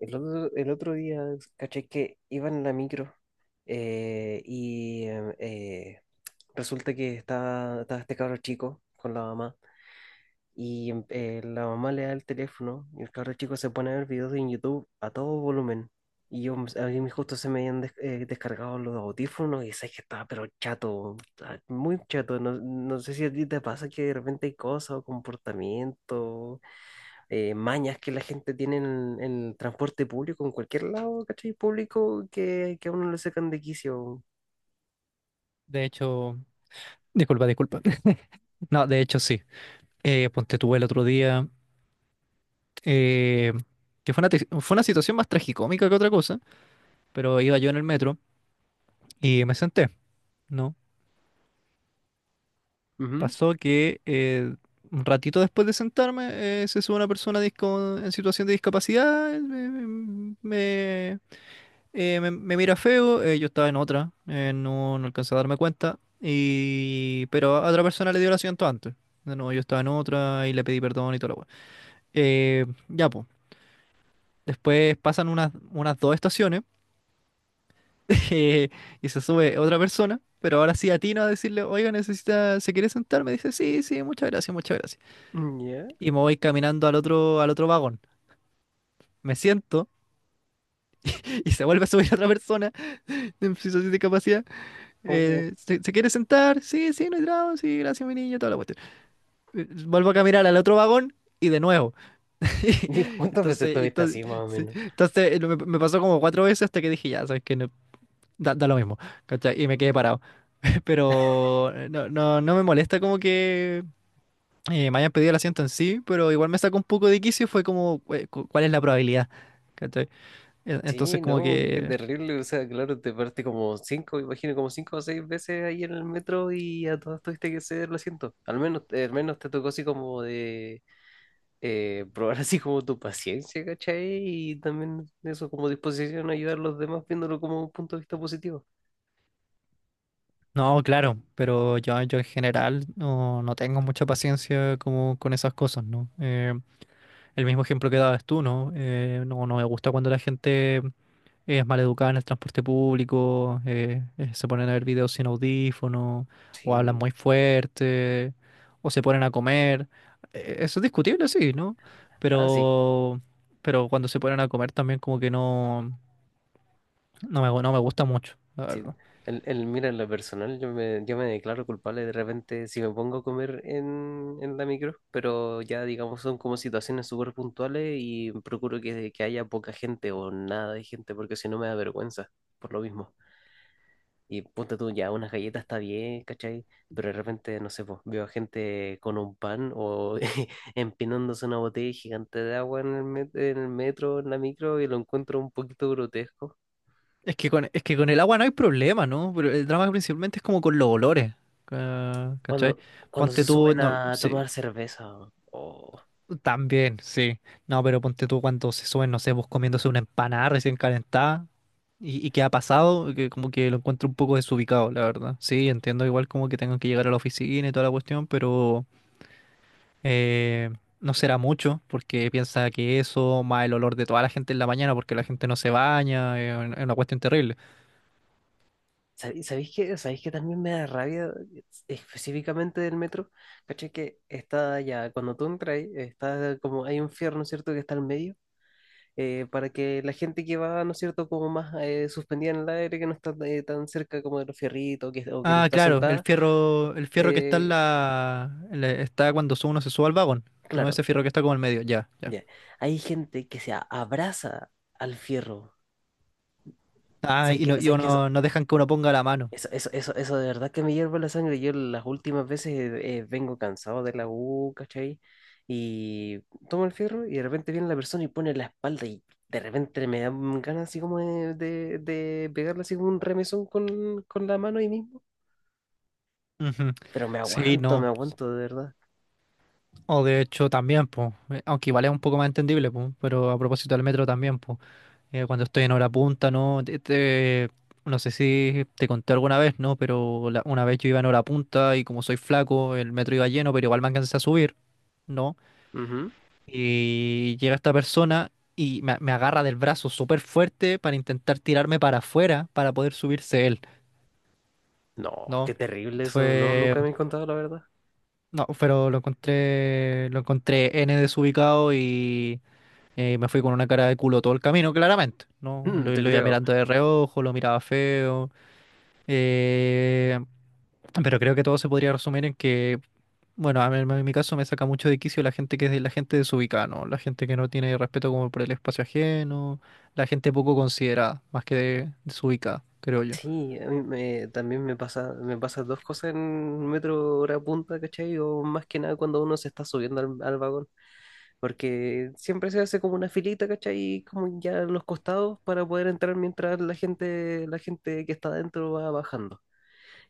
El otro día caché que iba en la micro eh, y em, eh, resulta que estaba este cabro chico con la mamá la mamá le da el teléfono y el cabro chico se pone a ver videos en YouTube a todo volumen. Y yo, a mí justo se me habían descargado los audífonos y sé que estaba pero chato, estaba muy chato. No, no sé si a ti te pasa que de repente hay cosas o comportamientos mañas que la gente tiene en el transporte público, en cualquier lado, ¿cachai? Público que a uno le sacan de quicio. De hecho, disculpa, disculpa. No, de hecho sí. Ponte tú el otro día, eh, que fue una situación más tragicómica que otra cosa, pero iba yo en el metro y me senté, ¿no? Ujú. Pasó que un ratito después de sentarme, se sube una persona en situación de discapacidad, me mira feo. Yo estaba en otra, no, no alcancé a darme cuenta, pero a otra persona le dio el asiento antes. No, yo estaba en otra y le pedí perdón y todo. Ya, pues. Después pasan unas dos estaciones. eh, y se sube otra persona, pero ahora sí atino a decirle: oiga, necesita, ¿se quiere sentar? Me dice: sí, sí, muchas gracias, muchas gracias. Mm, ya. Y me voy caminando al otro vagón. Me siento y se vuelve a subir otra persona en situación de discapacidad. Oh. ¿Se quiere sentar? Sí, sí, no hay drama, sí, gracias, mi niño, toda la cuestión. Vuelvo a caminar al otro vagón. Y de nuevo. ¿Cuántas veces Entonces, estuviste entonces, así, más o sí, menos? entonces me pasó como cuatro veces hasta que dije: ya, ¿sabes qué? No, da lo mismo, ¿cachai? Y me quedé parado. Pero no, no, no me molesta como que me hayan pedido el asiento en sí, pero igual me sacó un poco de quicio. Fue como, ¿cuál es la probabilidad? ¿Cachai? Entonces Sí, como no, qué que... terrible. O sea, claro, te parte como cinco, imagino, como cinco o seis veces ahí en el metro y a todas tuviste que ceder el asiento. Al menos te tocó así como de probar así como tu paciencia, ¿cachai? Y también eso como disposición a ayudar a los demás viéndolo como un punto de vista positivo. no, claro, pero yo en general no, no tengo mucha paciencia como con esas cosas, ¿no? El mismo ejemplo que dabas tú, ¿no? No, no me gusta cuando la gente es maleducada en el transporte público, se ponen a ver videos sin audífono, o hablan Sí, muy fuerte, o se ponen a comer. Eso es discutible, sí, ¿no? ah, sí, Pero, pero cuando se ponen a comer también como que no, no me gusta mucho, la sí. verdad. Mira, en lo personal, yo me declaro culpable de repente si me pongo a comer en la micro, pero ya digamos son como situaciones súper puntuales y procuro que haya poca gente o nada de gente, porque si no me da vergüenza, por lo mismo. Y ponte tú, ya unas galletas está bien, ¿cachai? Pero de repente, no sé, pues, veo a gente con un pan o empinándose una botella gigante de agua en en el metro, en la micro, y lo encuentro un poquito grotesco. Es que con el agua no hay problema, ¿no? Pero el drama principalmente es como con los olores, ¿cachai? Cuando, cuando Ponte se tú, suben no, a sí, tomar cerveza. o- también, sí. No, pero ponte tú cuando se suben, no sé, vos comiéndose una empanada recién calentada. Y que ha pasado, que como que lo encuentro un poco desubicado, la verdad. Sí, entiendo igual como que tengan que llegar a la oficina y toda la cuestión, pero eh, no será mucho, porque piensa que eso, más el olor de toda la gente en la mañana, porque la gente no se baña, es una cuestión terrible. Sabéis qué? ¿Sabéis qué también me da rabia específicamente del metro? ¿Cachai? Que está ya, cuando tú entras, está como, hay un fierro, ¿no es cierto?, que está al medio, para que la gente que va, ¿no es cierto?, como más suspendida en el aire, que no está tan cerca como de los fierritos, que, o que no Ah, está claro, sentada, el fierro que está en eh, la, está cuando uno se sube al vagón, no claro, ese fierro que está como en medio, ya, ya. ya. Hay gente que se abraza al fierro. Ah, ¿Sabes y qué? no, y ¿Sabes qué? uno, no dejan que uno ponga la mano. Eso de verdad que me hierve la sangre. Yo las últimas veces vengo cansado de la U, ¿cachai? Y tomo el fierro y de repente viene la persona y pone la espalda y de repente me dan ganas así como de pegarle así como un remesón con la mano ahí mismo. Ujú. Pero Sí, me no. aguanto de verdad. O de hecho también, pues, aunque igual es un poco más entendible, pues, pero a propósito del metro también, pues, cuando estoy en hora punta, ¿no? No sé si te conté alguna vez, ¿no? Pero una vez yo iba en hora punta y como soy flaco, el metro iba lleno, pero igual me alcancé a subir, ¿no? Ujú. Y llega esta persona y me agarra del brazo súper fuerte para intentar tirarme para afuera para poder subirse él, No, ¿no? qué terrible eso. No, Fue... nunca me he contado la verdad. No, pero lo encontré N desubicado. Me fui con una cara de culo todo el camino, claramente. No, Mm, lo, te lo iba creo. mirando de reojo, lo miraba feo. eh, pero creo que todo se podría resumir en que, bueno, en mi caso me saca mucho de quicio la gente desubicada, ¿no? La gente que no tiene respeto como por el espacio ajeno, la gente poco considerada, más que desubicada, creo yo. Sí, a también me pasa dos cosas en metro hora punta, ¿cachai? O más que nada cuando uno se está subiendo al vagón, porque siempre se hace como una filita, ¿cachai? Y como ya en los costados para poder entrar mientras la gente que está adentro va bajando.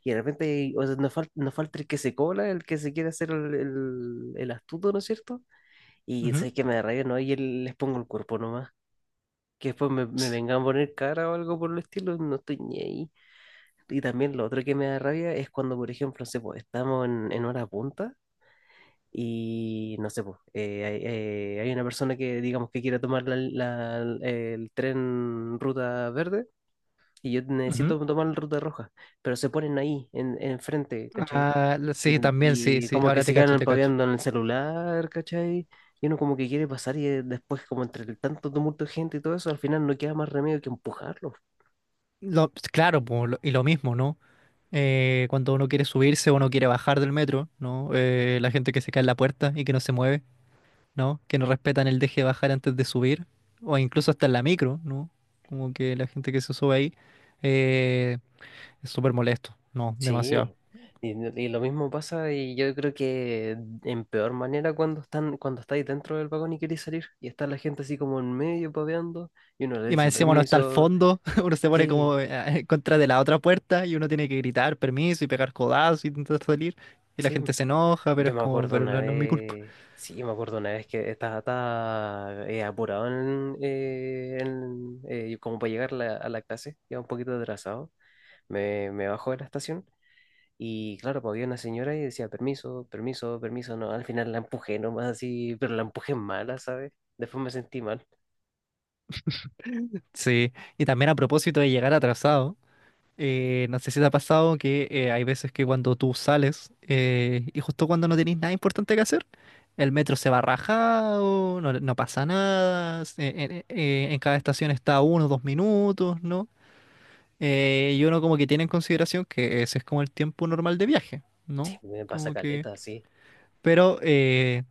Y de repente, o sea, nos falta el que se cola, el que se quiere hacer el astuto, ¿no es cierto? Y Ujú. sé que me da rabia, ¿no? Y el- les pongo el cuerpo nomás. Que después Sí. me vengan a poner cara o algo por el estilo, no estoy ni ahí. Y también lo otro que me da rabia es cuando, por ejemplo, no sé, po, estamos en hora punta y no sé, po, hay una persona que digamos que quiere tomar el tren ruta verde y yo Ujú. necesito tomar la ruta roja, pero se ponen ahí, enfrente, ¿cachai? Ah, Y, sí, también sí, y sí. como que Ahora te se cacho, quedan te cacho. paviando en el celular, ¿cachai? Y uno como que quiere pasar y después como entre el tanto tumulto de gente y todo eso, al final no queda más remedio que empujarlo. Claro, po, y lo mismo, ¿no? Cuando uno quiere subirse o uno quiere bajar del metro, ¿no? La gente que se cae en la puerta y que no se mueve, ¿no? Que no respetan el deje de bajar antes de subir, o incluso hasta en la micro, ¿no? Como que la gente que se sube ahí eh, es súper molesto, ¿no? Demasiado. Sí, y, y lo mismo pasa y yo creo que en peor manera cuando están, cuando estáis dentro del vagón y queréis salir y está la gente así como en medio paveando y uno le Y más dice encima uno está al permiso. fondo, uno se pone Sí, como en contra de la otra puerta y uno tiene que gritar permiso y pegar codazos y intentar salir. Y la sí, gente se enoja, pero yo es me como, acuerdo pero una no, no es mi culpa. vez, sí, me acuerdo una vez que apurado como para llegar a a la clase, iba un poquito atrasado, me bajó de la estación. Y claro, pues había una señora y decía, permiso, permiso, permiso, no, al final la empujé nomás así, pero la empujé mala, ¿sabes? Después me sentí mal. Sí. Y también a propósito de llegar atrasado. No sé si te ha pasado que hay veces que cuando tú sales y justo cuando no tenéis nada importante que hacer, el metro se va rajado, no, no pasa nada, en cada estación está uno, dos minutos, ¿no? Y uno como que tiene en consideración que ese es como el tiempo normal de viaje, Sí, ¿no? me pasa Como que... caleta, sí. Pero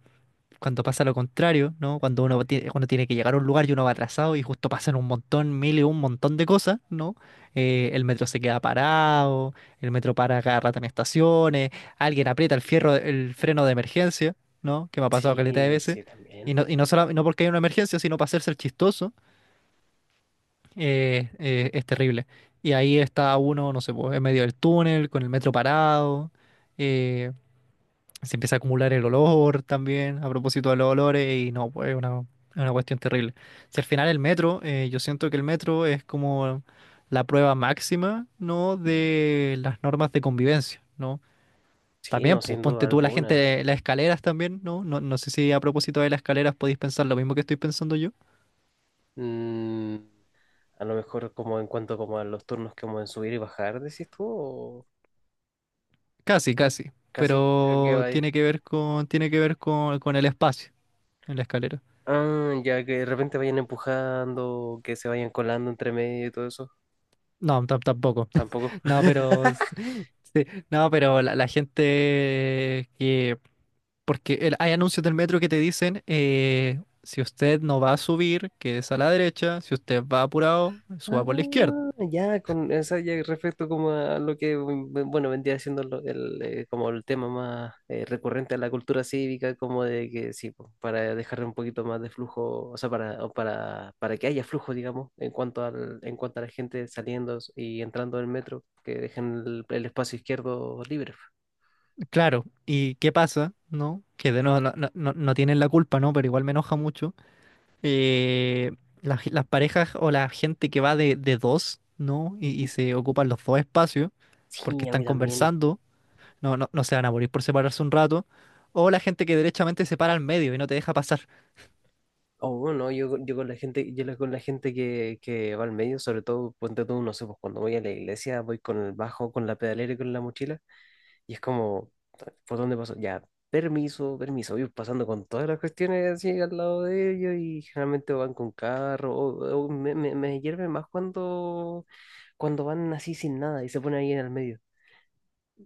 cuando pasa lo contrario, ¿no? Cuando uno tiene que llegar a un lugar y uno va atrasado y justo pasan un montón, mil y un montón de cosas, ¿no? El metro se queda parado, el metro para cada rato en estaciones, alguien aprieta el fierro, el freno de emergencia, ¿no? Que me ha pasado caleta de Sí, veces. sí, también. Y no solo, no porque hay una emergencia, sino para hacerse el chistoso, es terrible. Y ahí está uno, no sé, pues, en medio del túnel, con el metro parado. eh, se empieza a acumular el olor también, a propósito de los olores, y no, pues es una cuestión terrible. Si al final el metro, yo siento que el metro es como la prueba máxima, ¿no? De las normas de convivencia, ¿no? Sí, También, no, pues sin duda ponte tú la alguna. gente, las escaleras también, ¿no? No, no sé si a propósito de las escaleras podéis pensar lo mismo que estoy pensando yo. Mm, a lo mejor como en cuanto como a los turnos como en subir y bajar, decís tú, o Casi, casi, casi, creo que pero va ahí. tiene que ver con, tiene que ver con el espacio en la escalera. Ah, ya que de repente vayan empujando, que se vayan colando entre medio y todo eso, No, tampoco. tampoco. No, pero sí, no, pero la gente que, porque hay anuncios del metro que te dicen si usted no va a subir, que es a la derecha, si usted va apurado, Ah, suba por la izquierda. ya, con esa ya respecto como a lo que, mm, bueno, vendría siendo como el tema más recurrente a la cultura cívica, como de que sí, po, para dejar un poquito más de flujo, o sea, o para que haya flujo, digamos, en cuanto en cuanto a la gente saliendo y entrando del metro, que dejen el espacio izquierdo libre. Claro, ¿y qué pasa? ¿No? Que de nuevo no, no tienen la culpa, ¿no? Pero igual me enoja mucho. Eh, las, las, parejas o la gente que va de dos, ¿no? Y se ocupan los dos espacios porque Sí, a están mí también. conversando. No, no, no se van a morir por separarse un rato. O la gente que derechamente se para al medio y no te deja pasar. Oh, no, yo con la gente, con la gente que va al medio, sobre todo, ponte tú, no sé, pues cuando voy a la iglesia, voy con el bajo, con la pedalera y con la mochila, y es como, ¿por dónde paso? Ya, permiso, permiso, voy pasando con todas las cuestiones así al lado de ellos, y generalmente van con carro, o me hierve más cuando, cuando van así sin nada y se ponen ahí en el medio.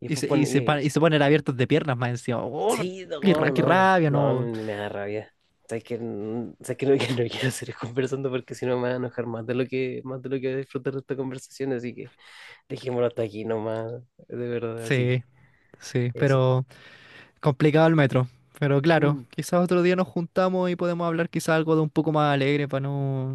Y Y después se, y se, pone pa- y se ponen abiertos de piernas más encima. ¡Oh! sí, qué, no, ra- qué no, rabia, no, no! me da rabia. Sabes que, sabes que no, que no quiero seguir conversando porque si no me voy a enojar más de lo que, más de lo que voy a disfrutar de esta conversación, así que dejémoslo hasta aquí nomás, de verdad, así Sí, que sí, eso. pero complicado el metro. Pero claro, Mm, quizás otro día nos juntamos y podemos hablar quizás algo de un poco más alegre para no,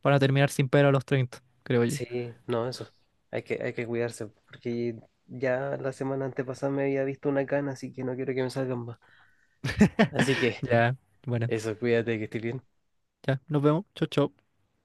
para no terminar sin pelo a los 30, creo yo. sí, no, eso. Hay que cuidarse, porque ya la semana antepasada me había visto una cana, así que no quiero que me salgan más. Así que Ya, bueno, eso, cuídate, que estés bien. ya, nos vemos. Chau, chau.